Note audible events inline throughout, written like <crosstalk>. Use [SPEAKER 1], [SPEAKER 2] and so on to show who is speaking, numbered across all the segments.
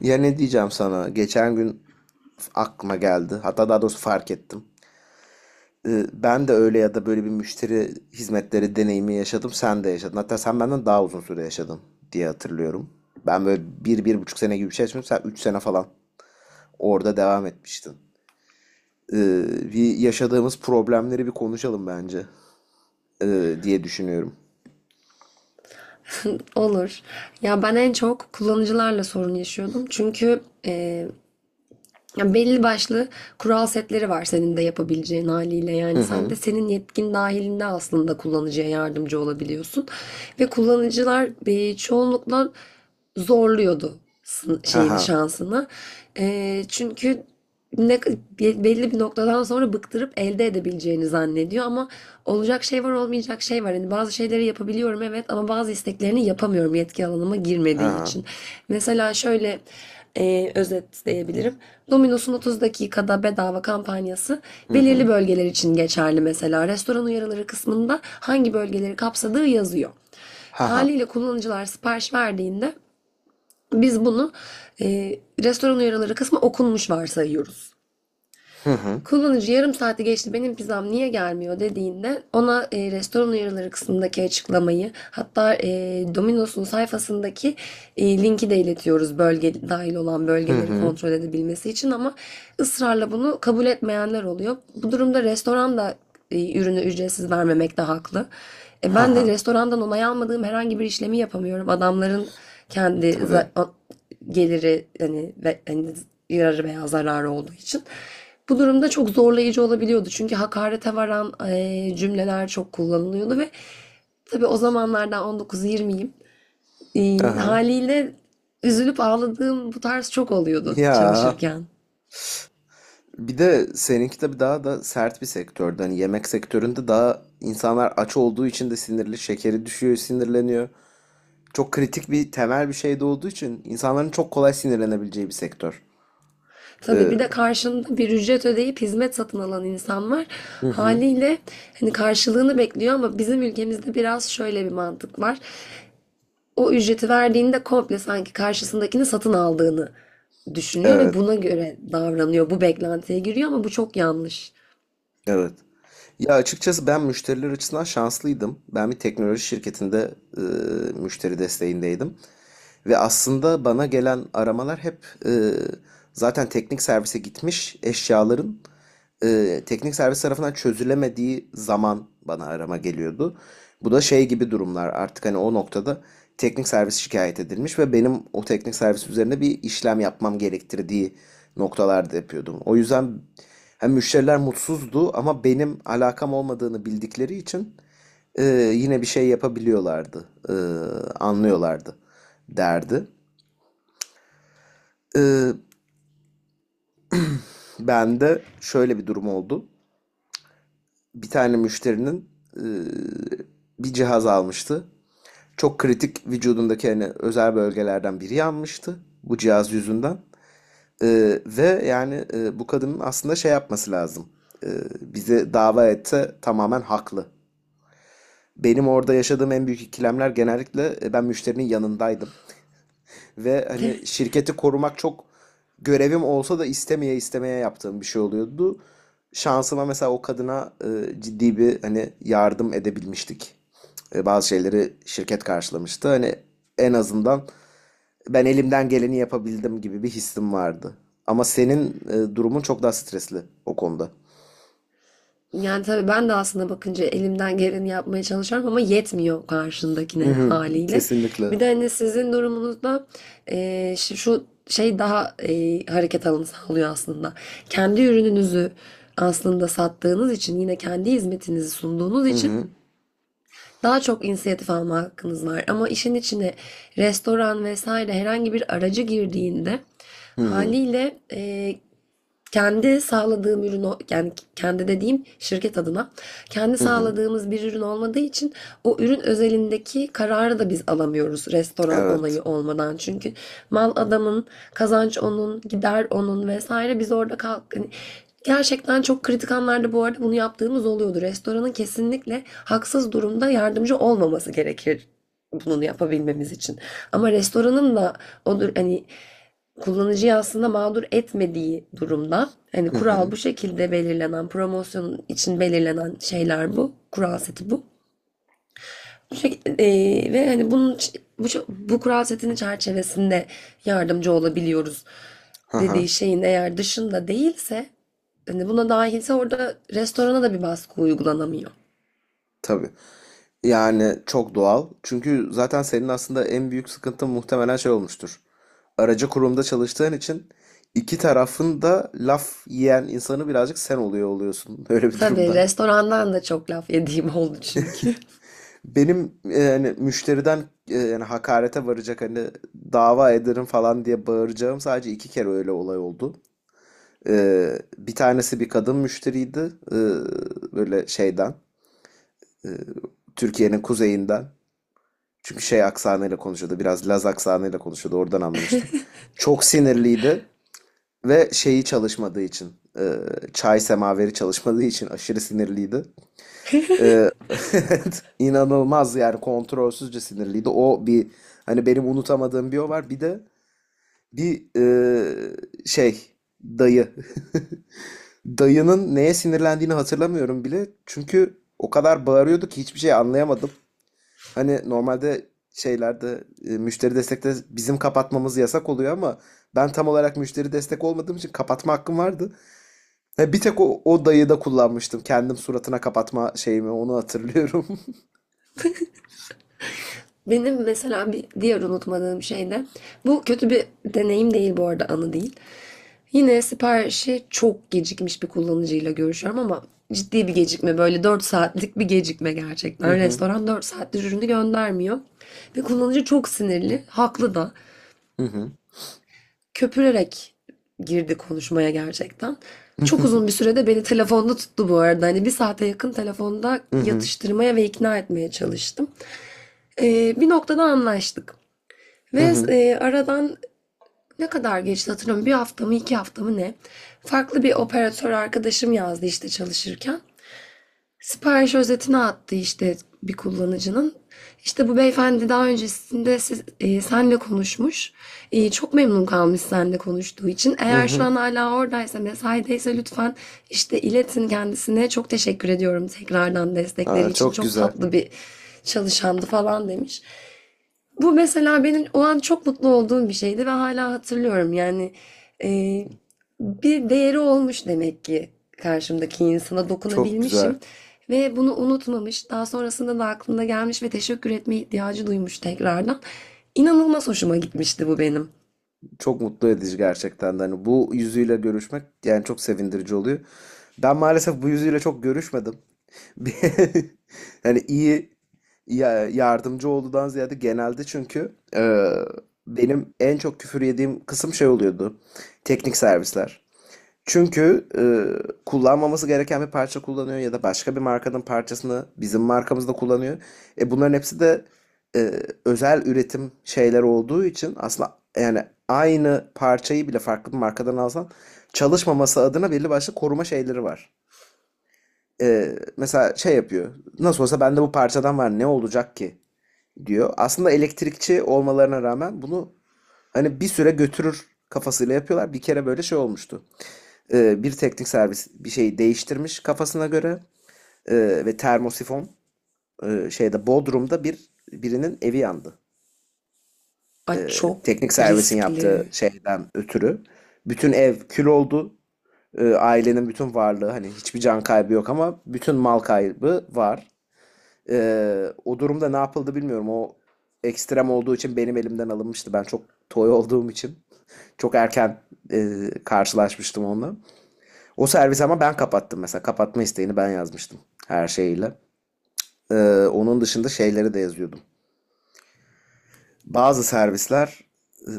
[SPEAKER 1] Ya ne diyeceğim sana? Geçen gün aklıma geldi. Hatta daha doğrusu fark ettim. Ben de öyle ya da böyle bir müşteri hizmetleri deneyimi yaşadım. Sen de yaşadın. Hatta sen benden daha uzun süre yaşadın diye hatırlıyorum. Ben böyle bir, 1,5 sene gibi bir şey yaşamıştım. Sen 3 sene falan orada devam etmiştin. Bir yaşadığımız problemleri bir konuşalım bence diye düşünüyorum.
[SPEAKER 2] Olur. Ya ben en çok kullanıcılarla sorun yaşıyordum. Çünkü ya belli başlı kural setleri var senin de yapabileceğin haliyle.
[SPEAKER 1] Hı
[SPEAKER 2] Yani sen
[SPEAKER 1] hı.
[SPEAKER 2] de senin yetkin dahilinde aslında kullanıcıya yardımcı olabiliyorsun. Ve kullanıcılar çoğunlukla zorluyordu
[SPEAKER 1] Ha
[SPEAKER 2] şeyini
[SPEAKER 1] ha.
[SPEAKER 2] şansını. Çünkü ne, belli bir noktadan sonra bıktırıp elde edebileceğini zannediyor ama olacak şey var olmayacak şey var. Yani bazı şeyleri yapabiliyorum evet ama bazı isteklerini yapamıyorum yetki alanıma
[SPEAKER 1] Ha
[SPEAKER 2] girmediği
[SPEAKER 1] ha.
[SPEAKER 2] için. Mesela şöyle özetleyebilirim. Domino's'un 30 dakikada bedava kampanyası
[SPEAKER 1] Hı hı.
[SPEAKER 2] belirli bölgeler için geçerli mesela. Restoran uyarıları kısmında hangi bölgeleri kapsadığı yazıyor.
[SPEAKER 1] Ha ha.
[SPEAKER 2] Haliyle kullanıcılar sipariş verdiğinde biz bunu restoran uyarıları kısmı okunmuş varsayıyoruz.
[SPEAKER 1] Hı hı.
[SPEAKER 2] Kullanıcı yarım saati geçti benim pizzam niye gelmiyor dediğinde ona restoran uyarıları kısmındaki açıklamayı hatta Domino's'un sayfasındaki linki de iletiyoruz bölge dahil olan
[SPEAKER 1] Hı
[SPEAKER 2] bölgeleri
[SPEAKER 1] hı.
[SPEAKER 2] kontrol edebilmesi için ama ısrarla bunu kabul etmeyenler oluyor. Bu durumda restoran da ürünü ücretsiz vermemekte haklı.
[SPEAKER 1] Ha
[SPEAKER 2] Ben de
[SPEAKER 1] ha.
[SPEAKER 2] restorandan onay almadığım herhangi bir işlemi yapamıyorum. Adamların kendi
[SPEAKER 1] Tabii.
[SPEAKER 2] geliri hani, ve, hani yararı veya zararı olduğu için. Bu durumda çok zorlayıcı olabiliyordu. Çünkü hakarete varan cümleler çok kullanılıyordu ve tabii o zamanlardan 19-20'yim.
[SPEAKER 1] Ha ha.
[SPEAKER 2] Haliyle üzülüp ağladığım bu tarz çok oluyordu
[SPEAKER 1] Ya.
[SPEAKER 2] çalışırken.
[SPEAKER 1] Bir de seninki tabii daha da sert bir sektördü. Hani yemek sektöründe daha insanlar aç olduğu için de sinirli, şekeri düşüyor, sinirleniyor. Çok kritik bir temel bir şey de olduğu için insanların çok kolay sinirlenebileceği bir sektör.
[SPEAKER 2] Tabii
[SPEAKER 1] Ee,
[SPEAKER 2] bir de karşında bir ücret ödeyip hizmet satın alan insan var.
[SPEAKER 1] hı hı,
[SPEAKER 2] Haliyle hani karşılığını bekliyor ama bizim ülkemizde biraz şöyle bir mantık var. O ücreti verdiğinde komple sanki karşısındakini satın aldığını düşünüyor ve
[SPEAKER 1] evet,
[SPEAKER 2] buna göre davranıyor. Bu beklentiye giriyor ama bu çok yanlış.
[SPEAKER 1] evet. Ya açıkçası ben müşteriler açısından şanslıydım. Ben bir teknoloji şirketinde müşteri desteğindeydim. Ve aslında bana gelen aramalar hep e, zaten teknik servise gitmiş eşyaların teknik servis tarafından çözülemediği zaman bana arama geliyordu. Bu da şey gibi durumlar artık hani o noktada teknik servis şikayet edilmiş ve benim o teknik servis üzerine bir işlem yapmam gerektirdiği noktalarda yapıyordum. O yüzden hem müşteriler mutsuzdu ama benim alakam olmadığını bildikleri için e, yine bir şey yapabiliyorlardı, anlıyorlardı derdi. E, ben de şöyle bir durum oldu. Bir tane müşterinin e, bir cihaz almıştı. Çok kritik vücudundaki hani özel bölgelerden biri yanmıştı bu cihaz yüzünden. Ve yani bu kadının aslında şey yapması lazım. E, bizi dava etse tamamen haklı. Benim orada yaşadığım en büyük ikilemler genellikle ben müşterinin yanındaydım. Ve hani
[SPEAKER 2] <laughs>
[SPEAKER 1] şirketi korumak çok görevim olsa da istemeye istemeye yaptığım bir şey oluyordu. Şansıma mesela o kadına ciddi bir hani yardım edebilmiştik. Bazı şeyleri şirket karşılamıştı. Hani en azından ben elimden geleni yapabildim gibi bir hissim vardı. Ama senin durumun çok daha stresli o konuda.
[SPEAKER 2] Yani tabii ben de aslında bakınca elimden geleni yapmaya çalışıyorum ama yetmiyor
[SPEAKER 1] Hı
[SPEAKER 2] karşındakine
[SPEAKER 1] hı,
[SPEAKER 2] haliyle.
[SPEAKER 1] kesinlikle.
[SPEAKER 2] Bir de hani sizin durumunuzda şu şey daha hareket alanı sağlıyor aslında. Kendi ürününüzü aslında sattığınız için yine kendi hizmetinizi sunduğunuz
[SPEAKER 1] Hı
[SPEAKER 2] için
[SPEAKER 1] hı,
[SPEAKER 2] daha çok inisiyatif alma hakkınız var. Ama işin içine restoran vesaire herhangi bir aracı girdiğinde
[SPEAKER 1] hı hı,
[SPEAKER 2] haliyle kendi sağladığım ürün yani kendi dediğim şirket adına kendi
[SPEAKER 1] hı hı.
[SPEAKER 2] sağladığımız bir ürün olmadığı için o ürün özelindeki kararı da biz alamıyoruz restoran
[SPEAKER 1] Evet.
[SPEAKER 2] onayı olmadan. Çünkü mal adamın, kazanç onun, gider onun vesaire biz orada kalk hani gerçekten çok kritik anlarda bu arada bunu yaptığımız oluyordu. Restoranın kesinlikle haksız durumda yardımcı olmaması gerekir bunu yapabilmemiz için. Ama restoranın da odur hani kullanıcıyı aslında mağdur etmediği durumda hani
[SPEAKER 1] Hı
[SPEAKER 2] kural
[SPEAKER 1] hı,
[SPEAKER 2] bu şekilde belirlenen promosyon için belirlenen şeyler bu. Kural seti bu. Ve hani bunun bu kural setinin çerçevesinde yardımcı olabiliyoruz
[SPEAKER 1] hı hı.
[SPEAKER 2] dediği şeyin eğer dışında değilse hani buna dahilse orada restorana da bir baskı uygulanamıyor.
[SPEAKER 1] Tabii. Yani çok doğal. Çünkü zaten senin aslında en büyük sıkıntın muhtemelen şey olmuştur. Aracı kurumda çalıştığın için iki tarafın da laf yiyen insanı birazcık sen oluyorsun <laughs> öyle bir
[SPEAKER 2] Tabii
[SPEAKER 1] durumda.
[SPEAKER 2] restorandan da çok laf yediğim oldu çünkü.
[SPEAKER 1] Benim yani müşteriden yani hakarete varacak hani dava ederim falan diye bağıracağım sadece 2 kere öyle olay oldu. Bir tanesi bir kadın müşteriydi. Ee, böyle şeyden e, Türkiye'nin kuzeyinden. Çünkü şey aksanıyla konuşuyordu. Biraz Laz aksanıyla konuşuyordu. Oradan anlamıştım. Çok sinirliydi ve şeyi çalışmadığı için e, çay semaveri çalışmadığı için aşırı sinirliydi. E, <laughs> inanılmaz yani kontrolsüzce sinirliydi. O bir hani benim unutamadığım bir o var. Bir de bir şey dayı. <laughs> Dayının neye sinirlendiğini hatırlamıyorum bile. Çünkü o kadar bağırıyordu ki hiçbir şey anlayamadım. Hani normalde şeylerde müşteri destekte bizim kapatmamız yasak oluyor ama ben tam olarak müşteri destek olmadığım için kapatma hakkım vardı. Ha, bir tek o dayı da kullanmıştım. Kendim suratına kapatma şeyimi onu hatırlıyorum. <laughs>
[SPEAKER 2] <laughs> Benim mesela bir diğer unutmadığım şey de bu kötü bir deneyim değil bu arada anı değil. Yine siparişi çok gecikmiş bir kullanıcıyla görüşüyorum ama ciddi bir gecikme böyle 4 saatlik bir gecikme
[SPEAKER 1] Hı
[SPEAKER 2] gerçekten.
[SPEAKER 1] hı,
[SPEAKER 2] Restoran 4 saattir ürünü göndermiyor ve kullanıcı çok sinirli, haklı da.
[SPEAKER 1] hı hı,
[SPEAKER 2] Köpürerek girdi konuşmaya gerçekten. Çok uzun bir
[SPEAKER 1] <laughs>
[SPEAKER 2] sürede beni telefonda tuttu bu arada. Hani bir saate yakın telefonda
[SPEAKER 1] hı hı,
[SPEAKER 2] yatıştırmaya ve ikna etmeye çalıştım. Bir noktada anlaştık.
[SPEAKER 1] hı
[SPEAKER 2] Ve
[SPEAKER 1] hı,
[SPEAKER 2] aradan ne kadar geçti hatırlamıyorum. Bir hafta mı 2 hafta mı ne? Farklı bir operatör arkadaşım yazdı işte çalışırken. Sipariş özetini attı işte bir kullanıcının. İşte bu beyefendi daha öncesinde senle konuşmuş. Çok memnun kalmış senle konuştuğu için.
[SPEAKER 1] hı hı.
[SPEAKER 2] Eğer şu
[SPEAKER 1] Hı.
[SPEAKER 2] an hala oradaysa, mesaideyse lütfen işte iletin kendisine. Çok teşekkür ediyorum tekrardan destekleri
[SPEAKER 1] Aa,
[SPEAKER 2] için.
[SPEAKER 1] çok
[SPEAKER 2] Çok
[SPEAKER 1] güzel.
[SPEAKER 2] tatlı bir çalışandı falan demiş. Bu mesela benim o an çok mutlu olduğum bir şeydi ve hala hatırlıyorum. Yani e, bir değeri olmuş demek ki karşımdaki insana
[SPEAKER 1] Çok
[SPEAKER 2] dokunabilmişim
[SPEAKER 1] güzel.
[SPEAKER 2] ve bunu unutmamış. Daha sonrasında da aklına gelmiş ve teşekkür etme ihtiyacı duymuş tekrardan. İnanılmaz hoşuma gitmişti bu benim.
[SPEAKER 1] Çok mutlu edici gerçekten de. Hani bu yüzüyle görüşmek yani çok sevindirici oluyor. Ben maalesef bu yüzüyle çok görüşmedim. <laughs> Hani iyi yardımcı olduğundan ziyade genelde çünkü benim en çok küfür yediğim kısım şey oluyordu. Teknik servisler. Çünkü kullanmaması gereken bir parça kullanıyor ya da başka bir markanın parçasını bizim markamızda kullanıyor. Bunların hepsi de e, özel üretim şeyler olduğu için aslında yani aynı parçayı bile farklı bir markadan alsan çalışmaması adına belli başlı koruma şeyleri var, mesela şey yapıyor. Nasıl olsa bende bu parçadan var ne olacak ki diyor. Aslında elektrikçi olmalarına rağmen bunu hani bir süre götürür kafasıyla yapıyorlar. Bir kere böyle şey olmuştu. Bir teknik servis bir şeyi değiştirmiş kafasına göre. E, ve termosifon şeyde Bodrum'da bir birinin evi yandı.
[SPEAKER 2] Ay çok
[SPEAKER 1] Teknik servisin yaptığı
[SPEAKER 2] riskli.
[SPEAKER 1] şeyden ötürü. Bütün ev kül oldu. Ailenin bütün varlığı hani hiçbir can kaybı yok ama bütün mal kaybı var. O durumda ne yapıldı bilmiyorum. O ekstrem olduğu için benim elimden alınmıştı. Ben çok toy olduğum için çok erken karşılaşmıştım onunla. O servisi ama ben kapattım mesela. Kapatma isteğini ben yazmıştım her şeyiyle. Onun dışında şeyleri de yazıyordum. Bazı servisler eee,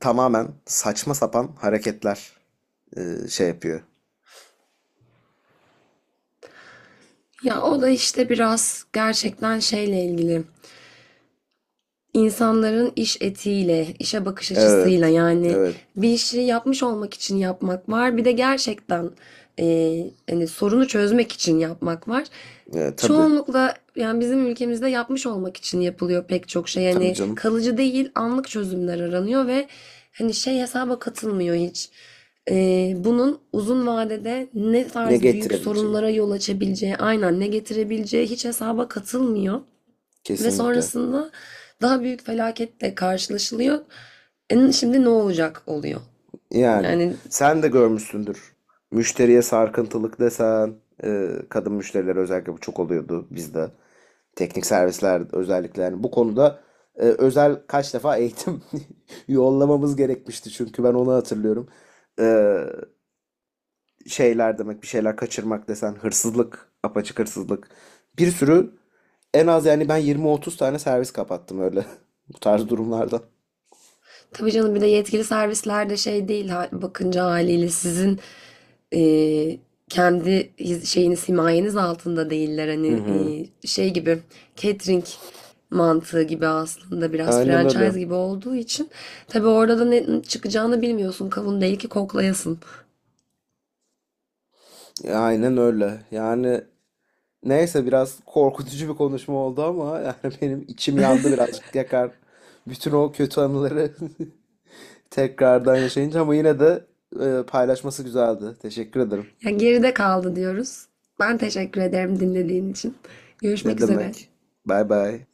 [SPEAKER 1] tamamen saçma sapan hareketler, şey yapıyor.
[SPEAKER 2] Ya o da işte biraz gerçekten şeyle ilgili. İnsanların iş etiğiyle, işe bakış açısıyla
[SPEAKER 1] Evet,
[SPEAKER 2] yani
[SPEAKER 1] evet,
[SPEAKER 2] bir işi yapmış olmak için yapmak var. Bir de gerçekten hani sorunu çözmek için yapmak var.
[SPEAKER 1] evet, tabii,
[SPEAKER 2] Çoğunlukla yani bizim ülkemizde yapmış olmak için yapılıyor pek çok şey.
[SPEAKER 1] tabii
[SPEAKER 2] Yani
[SPEAKER 1] canım.
[SPEAKER 2] kalıcı değil, anlık çözümler aranıyor ve hani şey hesaba katılmıyor hiç. Bunun uzun vadede ne
[SPEAKER 1] Ne
[SPEAKER 2] tarz büyük
[SPEAKER 1] getirebileceği
[SPEAKER 2] sorunlara yol açabileceği, aynen ne getirebileceği hiç hesaba katılmıyor. Ve
[SPEAKER 1] kesinlikle.
[SPEAKER 2] sonrasında daha büyük felaketle karşılaşılıyor. Şimdi ne olacak oluyor.
[SPEAKER 1] Yani
[SPEAKER 2] Yani
[SPEAKER 1] sen de görmüşsündür. Müşteriye sarkıntılık desen, kadın müşteriler özellikle bu çok oluyordu bizde. Teknik servisler özellikle yani bu konuda özel kaç defa eğitim <laughs> yollamamız gerekmişti çünkü ben onu hatırlıyorum. E, şeyler demek bir şeyler kaçırmak desen hırsızlık, apaçık hırsızlık. Bir sürü en az yani ben 20-30 tane servis kapattım öyle <laughs> bu tarz durumlarda.
[SPEAKER 2] tabii canım bir de yetkili servisler de şey değil bakınca haliyle sizin e, kendi şeyiniz himayeniz altında değiller.
[SPEAKER 1] Hı
[SPEAKER 2] Hani
[SPEAKER 1] hı.
[SPEAKER 2] şey gibi catering mantığı gibi aslında biraz
[SPEAKER 1] Aynen öyle.
[SPEAKER 2] franchise gibi olduğu için tabii orada da ne çıkacağını bilmiyorsun. Kavun değil ki koklayasın.
[SPEAKER 1] Aynen öyle. Yani neyse biraz korkutucu bir konuşma oldu ama yani <laughs> benim içim yandı birazcık yakar. Bütün o kötü anıları <laughs> tekrardan yaşayınca ama yine de paylaşması güzeldi. Teşekkür ederim.
[SPEAKER 2] Ya geride kaldı diyoruz. Ben teşekkür ederim dinlediğin için. Görüşmek
[SPEAKER 1] Ne
[SPEAKER 2] üzere.
[SPEAKER 1] demek? Bay bay.